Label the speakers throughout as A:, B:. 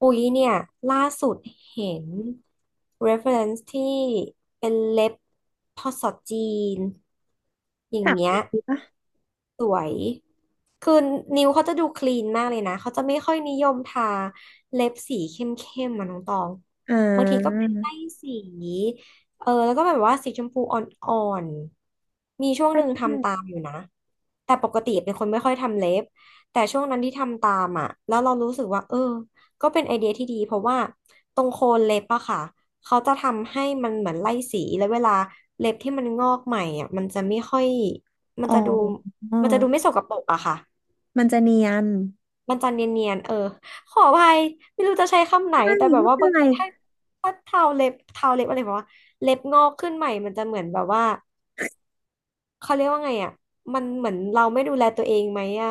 A: อุ๊ยเนี่ยล่าสุดเห็น reference ที่เป็นเล็บพอสอจีนอย่าง
B: ถาม
A: เงี้ย
B: ดิ
A: สวยคือนิ้วเขาจะดูคลีนมากเลยนะเขาจะไม่ค่อยนิยมทาเล็บสีเข้มๆมาน้องตอง
B: อ่
A: บางทีก็
B: า
A: เป็นไล่สีเออแล้วก็แบบว่าสีชมพูอ่อนๆมีช่วง
B: ใช่
A: หนึ่ง
B: ใช่
A: ทำตามอยู่นะแต่ปกติเป็นคนไม่ค่อยทำเล็บแต่ช่วงนั้นที่ทำตามอ่ะแล้วเรารู้สึกว่าเออก็เป็นไอเดียที่ดีเพราะว่าตรงโคนเล็บอะค่ะเขาจะทำให้มันเหมือนไล่สีแล้วเวลาเล็บที่มันงอกใหม่อ่ะมันจะไม่ค่อยมั
B: อ๋
A: นจะดู
B: อ
A: มันจะดูไม่สกปรกอะค่ะ
B: มันจะเนียน
A: มันจะเนียนๆเออขออภัยไม่รู้จะใช้คำไหน
B: ไม่
A: แต่แบบ
B: ไม่
A: ว่า
B: เป็น
A: บาง
B: ไร
A: ทีถ้าเทาเล็บเทาเล็บอะไรแบบว่าเล็บงอกขึ้นใหม่มันจะเหมือนแบบว่าเขาเรียกว่าไงอะมันเหมือนเราไม่ดูแลตัวเองไหมอะ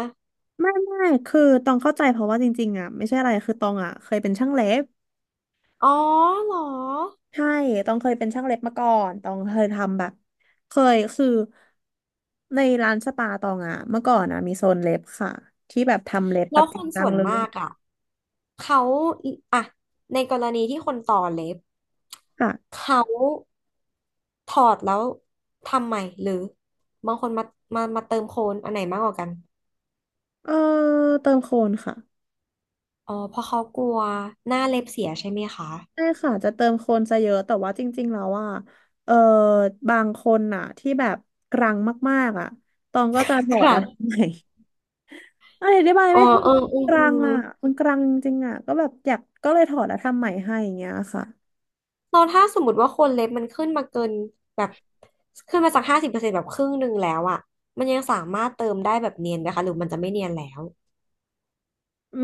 B: ไม่ไม่คือตองเข้าใจเพราะว่าจริงๆอ่ะไม่ใช่อะไรคือตองอ่ะเคยเป็นช่างเล็บ
A: อ๋อเหรอ
B: ใช่ตองเคยเป็นช่างเล็บมาก่อนตองเคยทำแบบเคยคือในร้านสปาตองอ่ะเมื่อก่อนอ่ะมีโซนเล็บค่ะที่แบบทำเล็บ
A: แล้
B: แบ
A: ว
B: บ
A: ค
B: จริง
A: น
B: จั
A: ส่
B: ง
A: วน
B: เล
A: มา
B: ย
A: กอะเขาอะในกรณีที่คนต่อเล็บ
B: ค่ะ
A: เขาถอดแล้วทำใหม่หรือบางคนมาเติมโคนอันไหนมากกว่ากัน
B: เออเติมโคนค่ะ
A: อ๋อเพราะเขากลัวหน้าเล็บเสียใช่ไหมคะ
B: ใช่ค่ะจะเติมคนซะเยอะแต่ว่าจริงๆแล้วอ่ะเออบางคนน่ะที่แบบกรังมากๆอ่ะตองก็จะถอ
A: ค
B: ดแล้
A: รั้
B: ว
A: ง
B: ทำไม อะไรได้บาย
A: อ๋อ
B: ไม่ถูก
A: เอออื
B: ก
A: ม
B: รั
A: อื
B: ง
A: ม
B: อ่ะมันกรังจริงอ่ะก็แบบอยากก็เลยถอดแล้วทำใหม่ให้อย่างเงี้ยค่ะ
A: เราถ้าสมมติว่าคนเล็บมันขึ้นมาเกินแบบขึ้นมาจาก50%แบบครึ่งหนึ่งแล้วอ่ะมันยังสามารถเติมได้แบบเนียนไหมคะหรือมันจะไม่เนียนแล้ว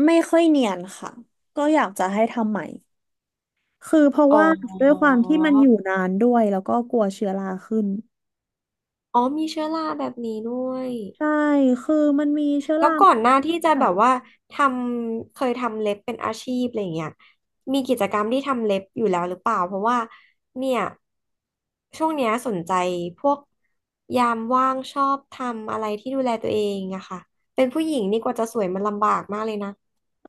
B: ไม่ค่อยเนียนค่ะก็อยากจะให้ทำใหม่คือเพราะ
A: อ๋อ
B: ว่าด้วยความที่มันอยู่นานด้วยแล้วก็กลัวเชื้อราขึ้น
A: อ๋อมีเชื้อราแบบนี้ด้วย
B: ใช่คือมันมีเชื้อ
A: แล้ว
B: รา
A: ก่อนหน้าที่จะ
B: แบ
A: แบ
B: บ
A: บว่าทำเคยทำเล็บเป็นอาชีพอะไรอย่างเงี้ยมีกิจกรรมที่ทำเล็บอยู่แล้วหรือเปล่าเพราะว่าเนี่ยช่วงเนี้ยสนใจพวกยามว่างชอบทำอะไรที่ดูแลตัวเองอะค่ะเป็นผู้หญิงนี่กว่าจะสวยมันลำบากมากเลยนะ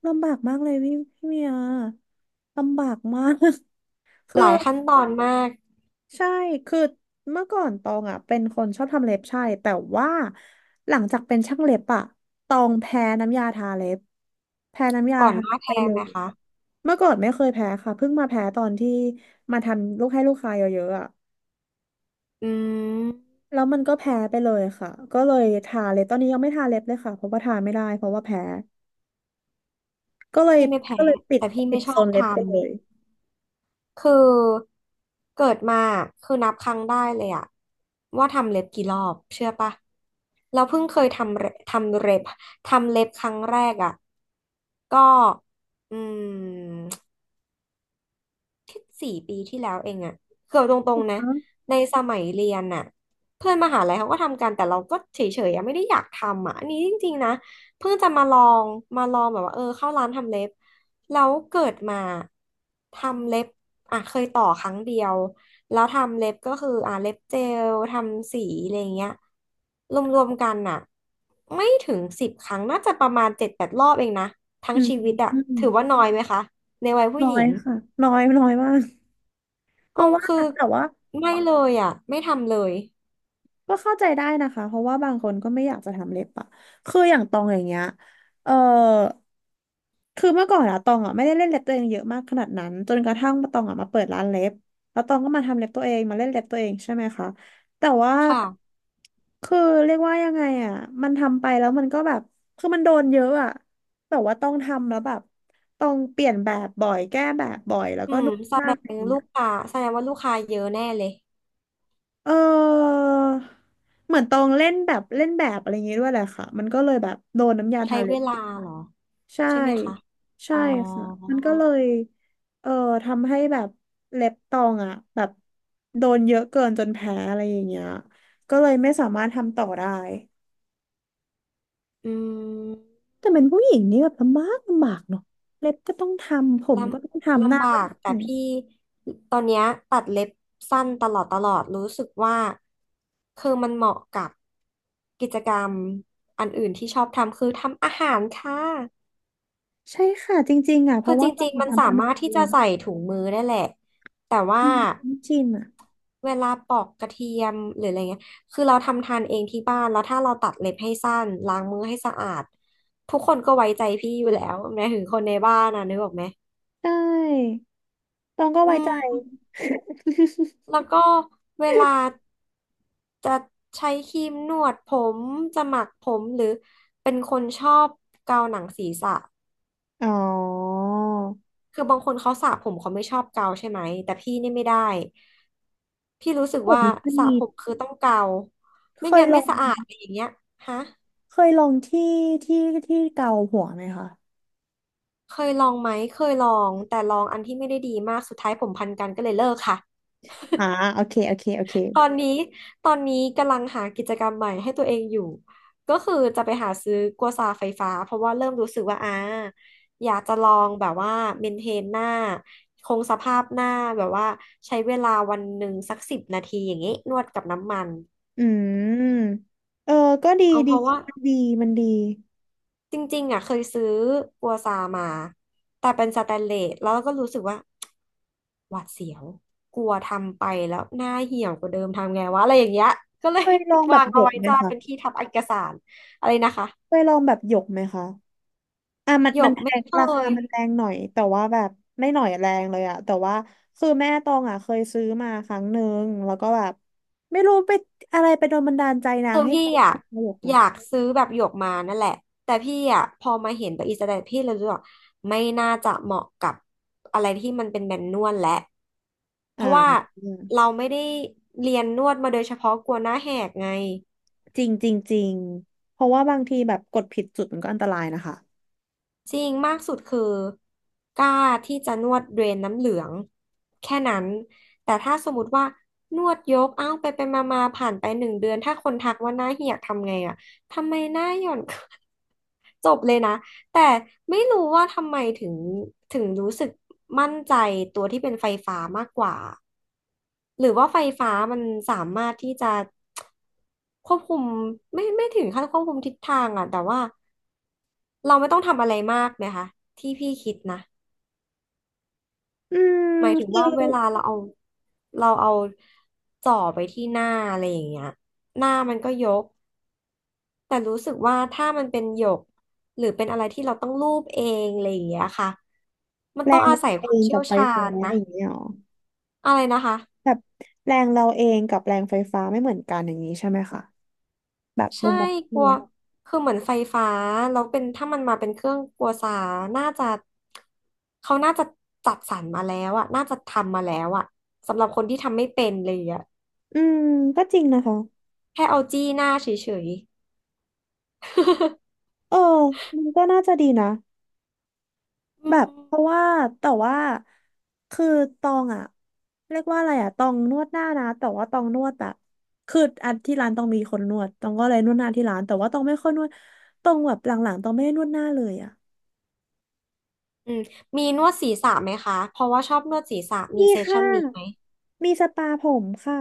B: ลำบากมากเลยพี่พี่เมียลำบากมาก คื
A: ห
B: อ
A: ลายขั้นตอนมาก
B: ใช่ คือเมื่อก่อนตองอ่ะเป็นคนชอบทำเล็บใช่แต่ว่าหลังจากเป็นช่างเล็บอ่ะตองแพ้น้ำยาทาเล็บแพ้น้ำยา
A: ก่อน
B: ทา
A: หน้า
B: ไป
A: แพ้
B: เล
A: ไหม
B: ย
A: คะ
B: เมื่อก่อนไม่เคยแพ้ค่ะเพิ่งมาแพ้ตอนที่มาทำลูกให้ลูกค้าเยอะๆอ่ะ
A: อืม
B: แล้วมันก็แพ้ไปเลยค่ะก็เลยทาเล็บตอนนี้ยังไม่ทาเล็บเลยค่ะเพราะว่าทาไม่ได้เพราะว่าแพ้ก็เลย
A: พี่ไม่แพ้
B: ก็เลยปิด
A: แต่พี่
B: ปิ
A: ไม่
B: ด
A: ช
B: โซ
A: อบ
B: นเล็บ
A: ทำ
B: ไปเลย
A: คือเกิดมาคือนับครั้งได้เลยอะว่าทำเล็บกี่รอบเชื่อปะเราเพิ่งเคยทำเล็บครั้งแรกอะก็อืม แค่4 ปีที่แล้วเองอะเกือบตร
B: อ
A: งๆนะ
B: ๋อ
A: ในสมัยเรียนอะเพื่อนมหาลัยเขาก็ทำกันแต่เราก็เฉยๆอะไม่ได้อยากทำอะอันนี้จริงๆนะเพิ่งจะมาลองแบบว่าเออเข้าร้านทำเล็บแล้วเกิดมาทำเล็บอ่ะเคยต่อครั้งเดียวแล้วทำเล็บก็คืออ่ะเล็บเจลทำสีอะไรเงี้ยรวมๆกันอะไม่ถึง10 ครั้งน่าจะประมาณ7-8 รอบเองนะทั้ง
B: อืม
A: ชีวิตอะ
B: อืม
A: ถือว่าน้อยไหมคะในวัยผู้
B: น้
A: ห
B: อ
A: ญิ
B: ย
A: ง
B: ค่ะน้อยน้อยมากเพ
A: เออ
B: ราะว่า
A: คือ
B: แต่ว่า
A: ไม่เลยอ่ะไม่ทำเลย
B: ก็เข้าใจได้นะคะเพราะว่าบางคนก็ไม่อยากจะทำเล็บอะคืออย่างตองอย่างเงี้ยเออคือเมื่อก่อนอะตองอะไม่ได้เล่นเล็บตัวเองเยอะมากขนาดนั้นจนกระทั่งาตองอะมาเปิดร้านเล็บแล้วตองก็มาทำเล็บตัวเองมาเล่นเล็บตัวเองใช่ไหมคะแต่ว่า
A: ค่ะ
B: คือเรียกว่ายังไงอะมันทำไปแล้วมันก็แบบคือมันโดนเยอะอะแบบว่าต้องทำแล้วแบบต้องเปลี่ยนแบบบ่อยแก้แบบบ่อยแล้ว
A: อื
B: ก็
A: ม
B: นู่น
A: แส
B: นั่
A: ด
B: น
A: งลูกค้าแสดงว่าลูกค้าเยอะแน่เลย
B: เออเหมือนตองเล่นแบบเล่นแบบอะไรอย่างงี้ด้วยแหละค่ะมันก็เลยแบบโดนน้ำยา
A: ใช้
B: ทาเล็
A: เว
B: บ
A: ลาเหรอ
B: ใช่
A: ใช่ไหมคะอ๋
B: ใช่
A: อ
B: ค่ะมันก็เลยเอ่อทำให้แบบเล็บตองอ่ะแบบโดนเยอะเกินจนแพ้อะไรอย่างเงี้ยก็เลยไม่สามารถทำต่อได้
A: อืม
B: แต่เป็นผู้หญิงนี่แบบลำบากลำบากเนาะเล็บก็ต้องทำผม
A: ล
B: ก็ต้อง
A: ำ
B: ทำหน้า
A: ลำ
B: ก็
A: บา
B: ต้
A: ก
B: องท
A: แต่พี่ตอนเนี้ยตัดเล็บสั้นตลอดรู้สึกว่าคือมันเหมาะกับกิจกรรมอันอื่นที่ชอบทำคือทำอาหารค่ะ
B: ำใช่ค่ะจริงๆอ่ะเพ
A: คือ
B: ราะ
A: จ
B: ว่าตอ
A: ริ
B: ง
A: งๆ
B: อะ
A: มันสา
B: ทำขน
A: มา
B: ม
A: รถที่
B: เล
A: จะ
B: ย
A: ใส่ถุงมือได้แหละแต่ว่า
B: อืมไม่ชินอ่ะ
A: เวลาปอกกระเทียมหรืออะไรเงี้ยคือเราทำทานเองที่บ้าน แล้วถ้าเราตัดเล็บให้สั้น ล้างมือให้สะอาด ทุกคนก็ไว้ใจพี่อยู่แล้วแม้ถึงคนในบ้านนะนึกออกไหม
B: ใช่ ตองก็
A: อื
B: ไว้ใจ
A: มแล้วก็เวลาจะใช้ครีมนวดผม จะหมักผมหรือเป็นคนชอบเกาหนังศีรษะ
B: อ๋อ
A: คือบางคนเขาสระผมเขาไม่ชอบเกาใช่ไหมแต่พี่นี่ไม่ได้พี่รู้สึก
B: แบบ
A: ว่า
B: นี้ก็
A: สระ
B: มี
A: ผมคือต้องเกา
B: เค
A: ไม่
B: ย
A: งั้น
B: ลอ
A: ไม่
B: ง
A: สะอาดอะไรอย่างเงี้ยฮะ
B: เคยลองที่ที่ที่เกาหัวไหมคะ
A: เคยลองไหมเคยลองแต่ลองอันที่ไม่ได้ดีมากสุดท้ายผมพันกันก็เลยเลิกค่ะ
B: อ่าโอเคโอเคโอเค
A: ตอนนี้ตอนนี้กำลังหากิจกรรมใหม่ให้ตัวเองอยู่ ก็คือจะไปหาซื้อกัวซาไฟฟ้าเพราะว่าเริ่มรู้สึกว่าอยากจะลองแบบว่าเมนเทนหน้าคงสภาพหน้าแบบว่าใช้เวลาวันหนึ่งสัก10 นาทีอย่างนี้นวดกับน้ำมัน
B: อืมเออก็ดี
A: เอาเพ
B: ดี
A: ราะว่า
B: มันดีมันดี
A: จริงๆอ่ะเคยซื้อกัวซามาแต่เป็นสแตนเลสแล้วก็รู้สึกว่าหวาดเสียวกลัวทำไปแล้วหน้าเหี่ยวกว่าเดิมทำไงวะอะไรอย่างเงี้ยก็เลย
B: เคยลอง แบ
A: วา
B: บ
A: ง
B: หย
A: เอา
B: ก
A: ไว้
B: ไหม
A: จ้า
B: คะ
A: เป็นที่ทับเอกสารอะไรนะคะ
B: เคยลองแบบหยกไหมคะอ่ะมัน
A: หย
B: มัน
A: ก
B: แพ
A: ไม่
B: ง
A: เค
B: ราคา
A: ย
B: มันแรงหน่อยแต่ว่าแบบไม่หน่อยแรงเลยอะแต่ว่าคือแม่ตองอะเคยซื้อมาครั้งหนึ่งแล้วก็แบบไม่รู้ไปอะไรไปโดนบันดาลใจนา
A: คื
B: ง
A: อ
B: ให้
A: พี่
B: ซื้อ
A: อ่ะ
B: มาหยก
A: อ
B: นะ
A: ยากซื้อแบบหยวกมานั่นแหละแต่พี่อ่ะพอมาเห็นตัวอีสแตนพี่เลยรู้สึกว่าไม่น่าจะเหมาะกับอะไรที่มันเป็นแมนนวลและเพราะว่า
B: อ่า
A: เราไม่ได้เรียนนวดมาโดยเฉพาะกลัวหน้าแหกไง
B: จริงจริงจริงเพราะว่าบางทีแบบกดผิดจุดมันก็อันตรายนะคะ
A: จริงมากสุดคือกล้าที่จะนวดเดรนน้ำเหลืองแค่นั้นแต่ถ้าสมมติว่านวดยกเอ้าไปมาผ่านไปหนึ่งเดือนถ้าคนทักว่าหน้าเหี่ยวทำไงอ่ะทำไมหน้าหย่อน จบเลยนะแต่ไม่รู้ว่าทำไมถึงรู้สึกมั่นใจตัวที่เป็นไฟฟ้ามากกว่าหรือว่าไฟฟ้ามันสามารถที่จะควบคุมไม่ถึงขั้นควบคุมทิศทางอะแต่ว่าเราไม่ต้องทำอะไรมากไหมคะที่พี่คิดนะ
B: อื
A: ห
B: ม
A: มายถึง
B: คือ
A: ว่าเวลาเราเอาจ่อไปที่หน้าอะไรอย่างเงี้ยหน้ามันก็ยกแต่รู้สึกว่าถ้ามันเป็นหยกหรือเป็นอะไรที่เราต้องลูบเองอะไรอย่างเงี้ยค่ะมัน
B: แร
A: ต้อง
B: ง
A: อา
B: เรา
A: ศัยควา
B: เอ
A: ม
B: ง
A: เชี่
B: กั
A: ย
B: บ
A: ว
B: ไฟ
A: ชา
B: ฟ้า
A: ญนะ
B: อย่างนี้หรอ
A: อะไรนะคะ
B: แบบแรงเราเองกับแรงไฟฟ้าไม่เหมือนกันอย่างนี้ใช่ไหมคะแบบมุ
A: ใช่
B: มมอง
A: ก
B: พี่
A: ลัว
B: อะ
A: คือเหมือนไฟฟ้าแล้วเป็นถ้ามันมาเป็นเครื่องกลัวสาน่าจะเขาน่าจะจัดสรรมาแล้วอะน่าจะทำมาแล้วอะสำหรับคนที่ทำไม่เป็นเลยอะ
B: อืมก็จริงนะคะ
A: แค่เอาจี้หน้าเฉยๆ
B: เออมันก็น่าจะดีนะ
A: อื
B: แบบ
A: ม
B: เพราะว่าแต่ว่าคือตองอะเรียกว่าอะไรอะตองนวดหน้านะแต่ว่าตองนวดแบบคืออันที่ร้านตองมีคนนวดตองก็เลยนวดหน้าที่ร้านแต่ว่าตองไม่ค่อยนวดตองแบบหลังๆตองไม่ได้นวดหน้าเลยอะ
A: อืมมีนวดศีรษะไหมคะเพราะว่าชอบนวดศีรษะมี
B: มี
A: เซสชั่
B: ค่ะ
A: นนี้ไหม
B: มีสปาผมค่ะ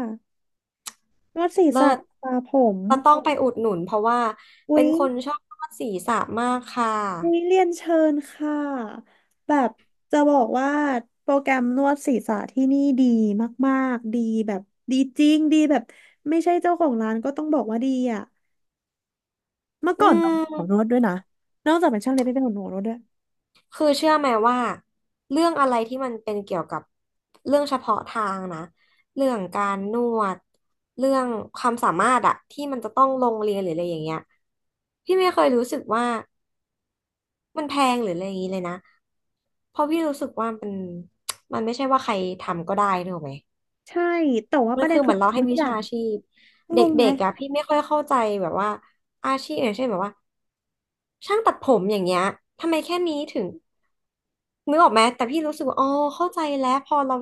B: นวดศีร
A: เลิ
B: ษะส
A: ศ
B: ปาผม
A: เราต้องไปอุดหนุนเพราะว่า
B: อุ๊
A: เป็
B: ย
A: นคนชอบนวดศีรษะมากค่ะ
B: อุ๊ยเรียนเชิญค่ะ แบบจะบอกว่าโปรแกรมนวดศีรษะที่นี่ดีมากๆดีแบบดีจริง ดีแบบไม่ใช่เจ้าของร้านก็ต้องบอกว่าดีอ่ะเมื่อ
A: อื
B: ก่อนต้องเป็นหมอนวด
A: ม
B: ด้วยนะนอกจากเป็นช่างเล็บไม่เป็นหมอนวดด้วย
A: คือเชื่อไหมว่าเรื่องอะไรที่มันเป็นเกี่ยวกับเรื่องเฉพาะทางนะเรื่องการนวดเรื่องความสามารถอะที่มันจะต้องลงเรียนหรืออะไรอย่างเงี้ยพี่ไม่เคยรู้สึกว่ามันแพงหรืออะไรอย่างงี้เลยนะเพราะพี่รู้สึกว่า มันไม่ใช่ว่าใครทำก็ได้นึกออกไหม
B: ใช่แต่ว่าป
A: มัน
B: ระเด็น
A: คือเห
B: คื
A: มื
B: อ
A: อนเราให้
B: ทุก
A: วิ
B: อย่า
A: ชา
B: ง
A: ชีพเด
B: งงไห
A: ็
B: ม
A: กๆอะพี่ไม่ค่อยเข้าใจแบบว่าอาชีพอย่างเช่นแบบว่าช่างตัดผมอย่างเงี้ยทำไมแค่นี้ถึงนึกออกไหมแต่พี่รู้สึกว่าอ๋อเข้าใจแล้วพอเรา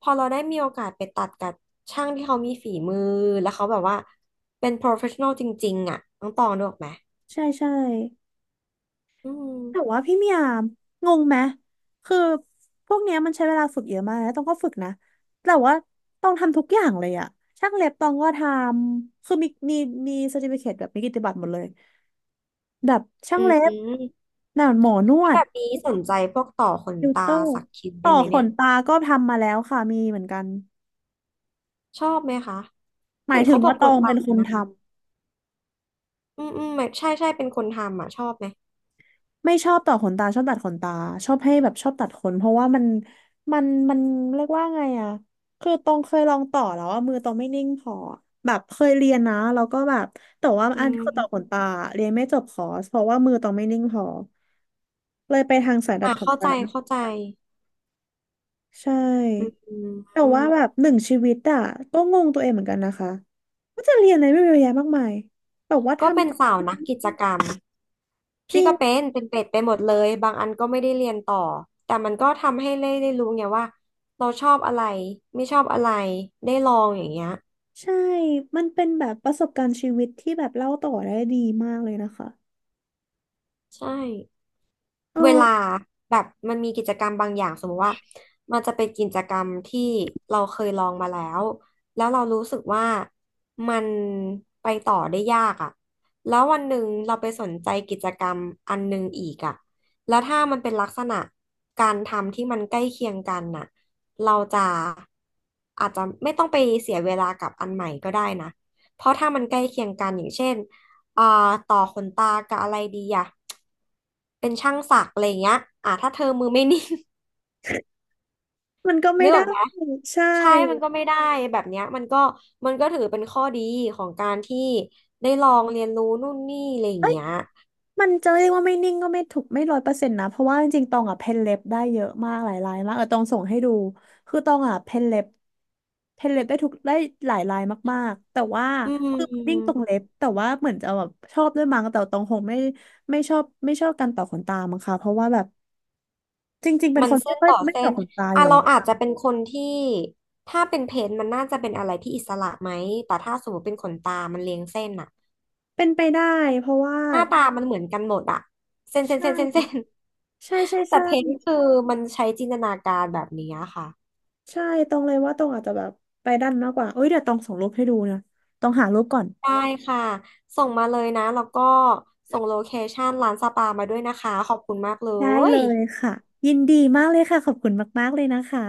A: พอเราได้มีโอกาสไปตัดกับช่างที่เขามีฝีมือแล้วเขาแบบว่าเป็น professional จริงๆอ่ะน้องตองนึกออกไหม
B: ใช่ใช่
A: อืม
B: แต่ว่าพี่เมียงงไหมคือพวกเนี้ยมันใช้เวลาฝึกเยอะมากนะต้องก็ฝึกนะแต่ว่าต้องทำทุกอย่างเลยอะช่างเล็บต้องก็ทำคือมีเซอร์ติฟิเคตแบบมีกิตติบัตรหมดเลยแบบช่า
A: อื
B: งเล็บ
A: ม
B: หนานหมอนว
A: แล้วแบ
B: ด
A: บนี้สนใจพวกต่อขน
B: ติวเต
A: ตา
B: อร์
A: สักคิ้วได้
B: ต่
A: ว
B: อ
A: ยไหม
B: ข
A: เนี่ย
B: นตาก็ทำมาแล้วค่ะมีเหมือนกัน
A: ชอบไหมคะ
B: หมา
A: เห็
B: ย
A: น
B: ถึ
A: เขา
B: ง
A: บอก
B: ว่าต
A: ป
B: อ
A: วด
B: ง
A: หลั
B: เป็น
A: ง
B: คน
A: นะ
B: ทำ
A: อืมอืมแบบใช่ใช่เป็นคนทำอ่ะชอบไหม
B: ไม่ชอบต่อขนตาชอบตัดขนตาชอบให้แบบชอบตัดขนเพราะว่ามันมันเรียกว่าไงอะคือตองเคยลองต่อแล้วว่ามือตองไม่นิ่งพอแบบเคยเรียนนะแล้วก็แบบแต่ว่า
A: อื
B: อันต่อขน
A: ม
B: ตาเรียนไม่จบคอร์สเพราะว่ามือตองไม่นิ่งพอเลยไปทางสายตั
A: อ่ะ
B: ดขน
A: เข้า
B: ตา
A: ใจเข้าใจ
B: ใช
A: อื
B: ่แต่
A: ม
B: ว่าแบบหนึ่งชีวิตอะก็งงตัวเองเหมือนกันนะคะว่าจะเรียนอะไรไม่เยอะแยะมากมายแบบว่า
A: ก็เป็
B: ทำ
A: นสาวนักกิจกรรม
B: จ
A: พี่
B: ริ
A: ก็เป็
B: ง
A: นเป็นเป็ดไปหมดเลยบางอันก็ไม่ได้เรียนต่อแต่มันก็ทำให้ได้รู้ไงว่าเราชอบอะไรไม่ชอบอะไรได้ลองอย่างเงี้ย
B: ใช่ มันเป็นแบบประสบการณ์ชีวิตที่แบบเล่าต่อได้ดีมากเลยนะคะ
A: ใช่
B: เอ
A: เว
B: อ
A: ลาแบบมันมีกิจกรรมบางอย่างสมมติว่ามันจะเป็นกิจกรรมที่เราเคยลองมาแล้วแล้วเรารู้สึกว่ามันไปต่อได้ยากอ่ะแล้ววันหนึ่งเราไปสนใจกิจกรรมอันหนึ่งอีกอ่ะแล้วถ้ามันเป็นลักษณะการทำที่มันใกล้เคียงกันน่ะเราจะอาจจะไม่ต้องไปเสียเวลากับอันใหม่ก็ได้นะเพราะถ้ามันใกล้เคียงกันอย่างเช่น อ่าต่อขนตากับอะไรดีอ่ะเป็นช่างสักอะไรอย่างเงี้ยถ้าเธอมือไม่นิ่ง
B: มันก็ ไม่
A: นึกอ
B: ได้
A: อกไหม
B: ใช่
A: ใช่มันก็ไม่ได้แบบเนี้ยมันก็ถือเป็นข้อดีของการที่ได้ลองเรียนรู้นู่นนี่อะไรอย่าง
B: เอ้ย
A: เงี้ย
B: มันจะเรียกว่าไม่นิ่งก็ไม่ถูกไม่ร้อยเปอร์เซ็นต์นะเพราะว่าจริงๆตองอ่ะเพ้นเล็บได้เยอะมากหลายลายมากเออตองส่งให้ดูคือตองอ่ะเพ้นเล็บเพ้นเล็บได้หลายลายมากๆแต่ว่า
A: อื
B: คือมันนิ่งตร
A: ม
B: งเล็บแต่ว่าเหมือนจะแบบชอบด้วยมั้งแต่ตองคงไม่ไม่ชอบไม่ชอบการต่อขนตามั้งค่ะ เพราะว่าแบบจริงๆเป็น
A: มัน
B: คน
A: เส้
B: ไม่
A: น
B: ค่อย
A: ต่อ
B: ไม่
A: เส้
B: ต่อ
A: น
B: ขนตาอ
A: อ่ะ
B: ยู่แล้
A: เรา
B: ว
A: อาจจะเป็นคนที่ถ้าเป็นเพนท์มันน่าจะเป็นอะไรที่อิสระไหมแต่ถ้าสมมติเป็นขนตามันเรียงเส้นอะ
B: เป็นไปได้เพราะว่า
A: หน้าตามันเหมือนกันหมดอะเส้นเส้น
B: ใช่
A: เส้นเส้นเส้น
B: ใช่ใช่
A: แต่
B: ใช่
A: เพนคือมันใช้จินตนาการแบบนี้ค่ะ
B: ใช่ตรงเลยว่าตรงอาจจะแบบไปด้านมากกว่า เอ้ยเดี๋ยวตองส่งรูปให้ดูนะต้องหารูปก่อน
A: ได้ค่ะ ส่งมาเลยนะแล้วก็ส่งโลเคชันร้านสปามาด้วยนะคะขอบคุณมากเล
B: ได้เล
A: ย
B: ยค่ะยินดีมากเลยค่ะขอบคุณมากๆเลยนะคะ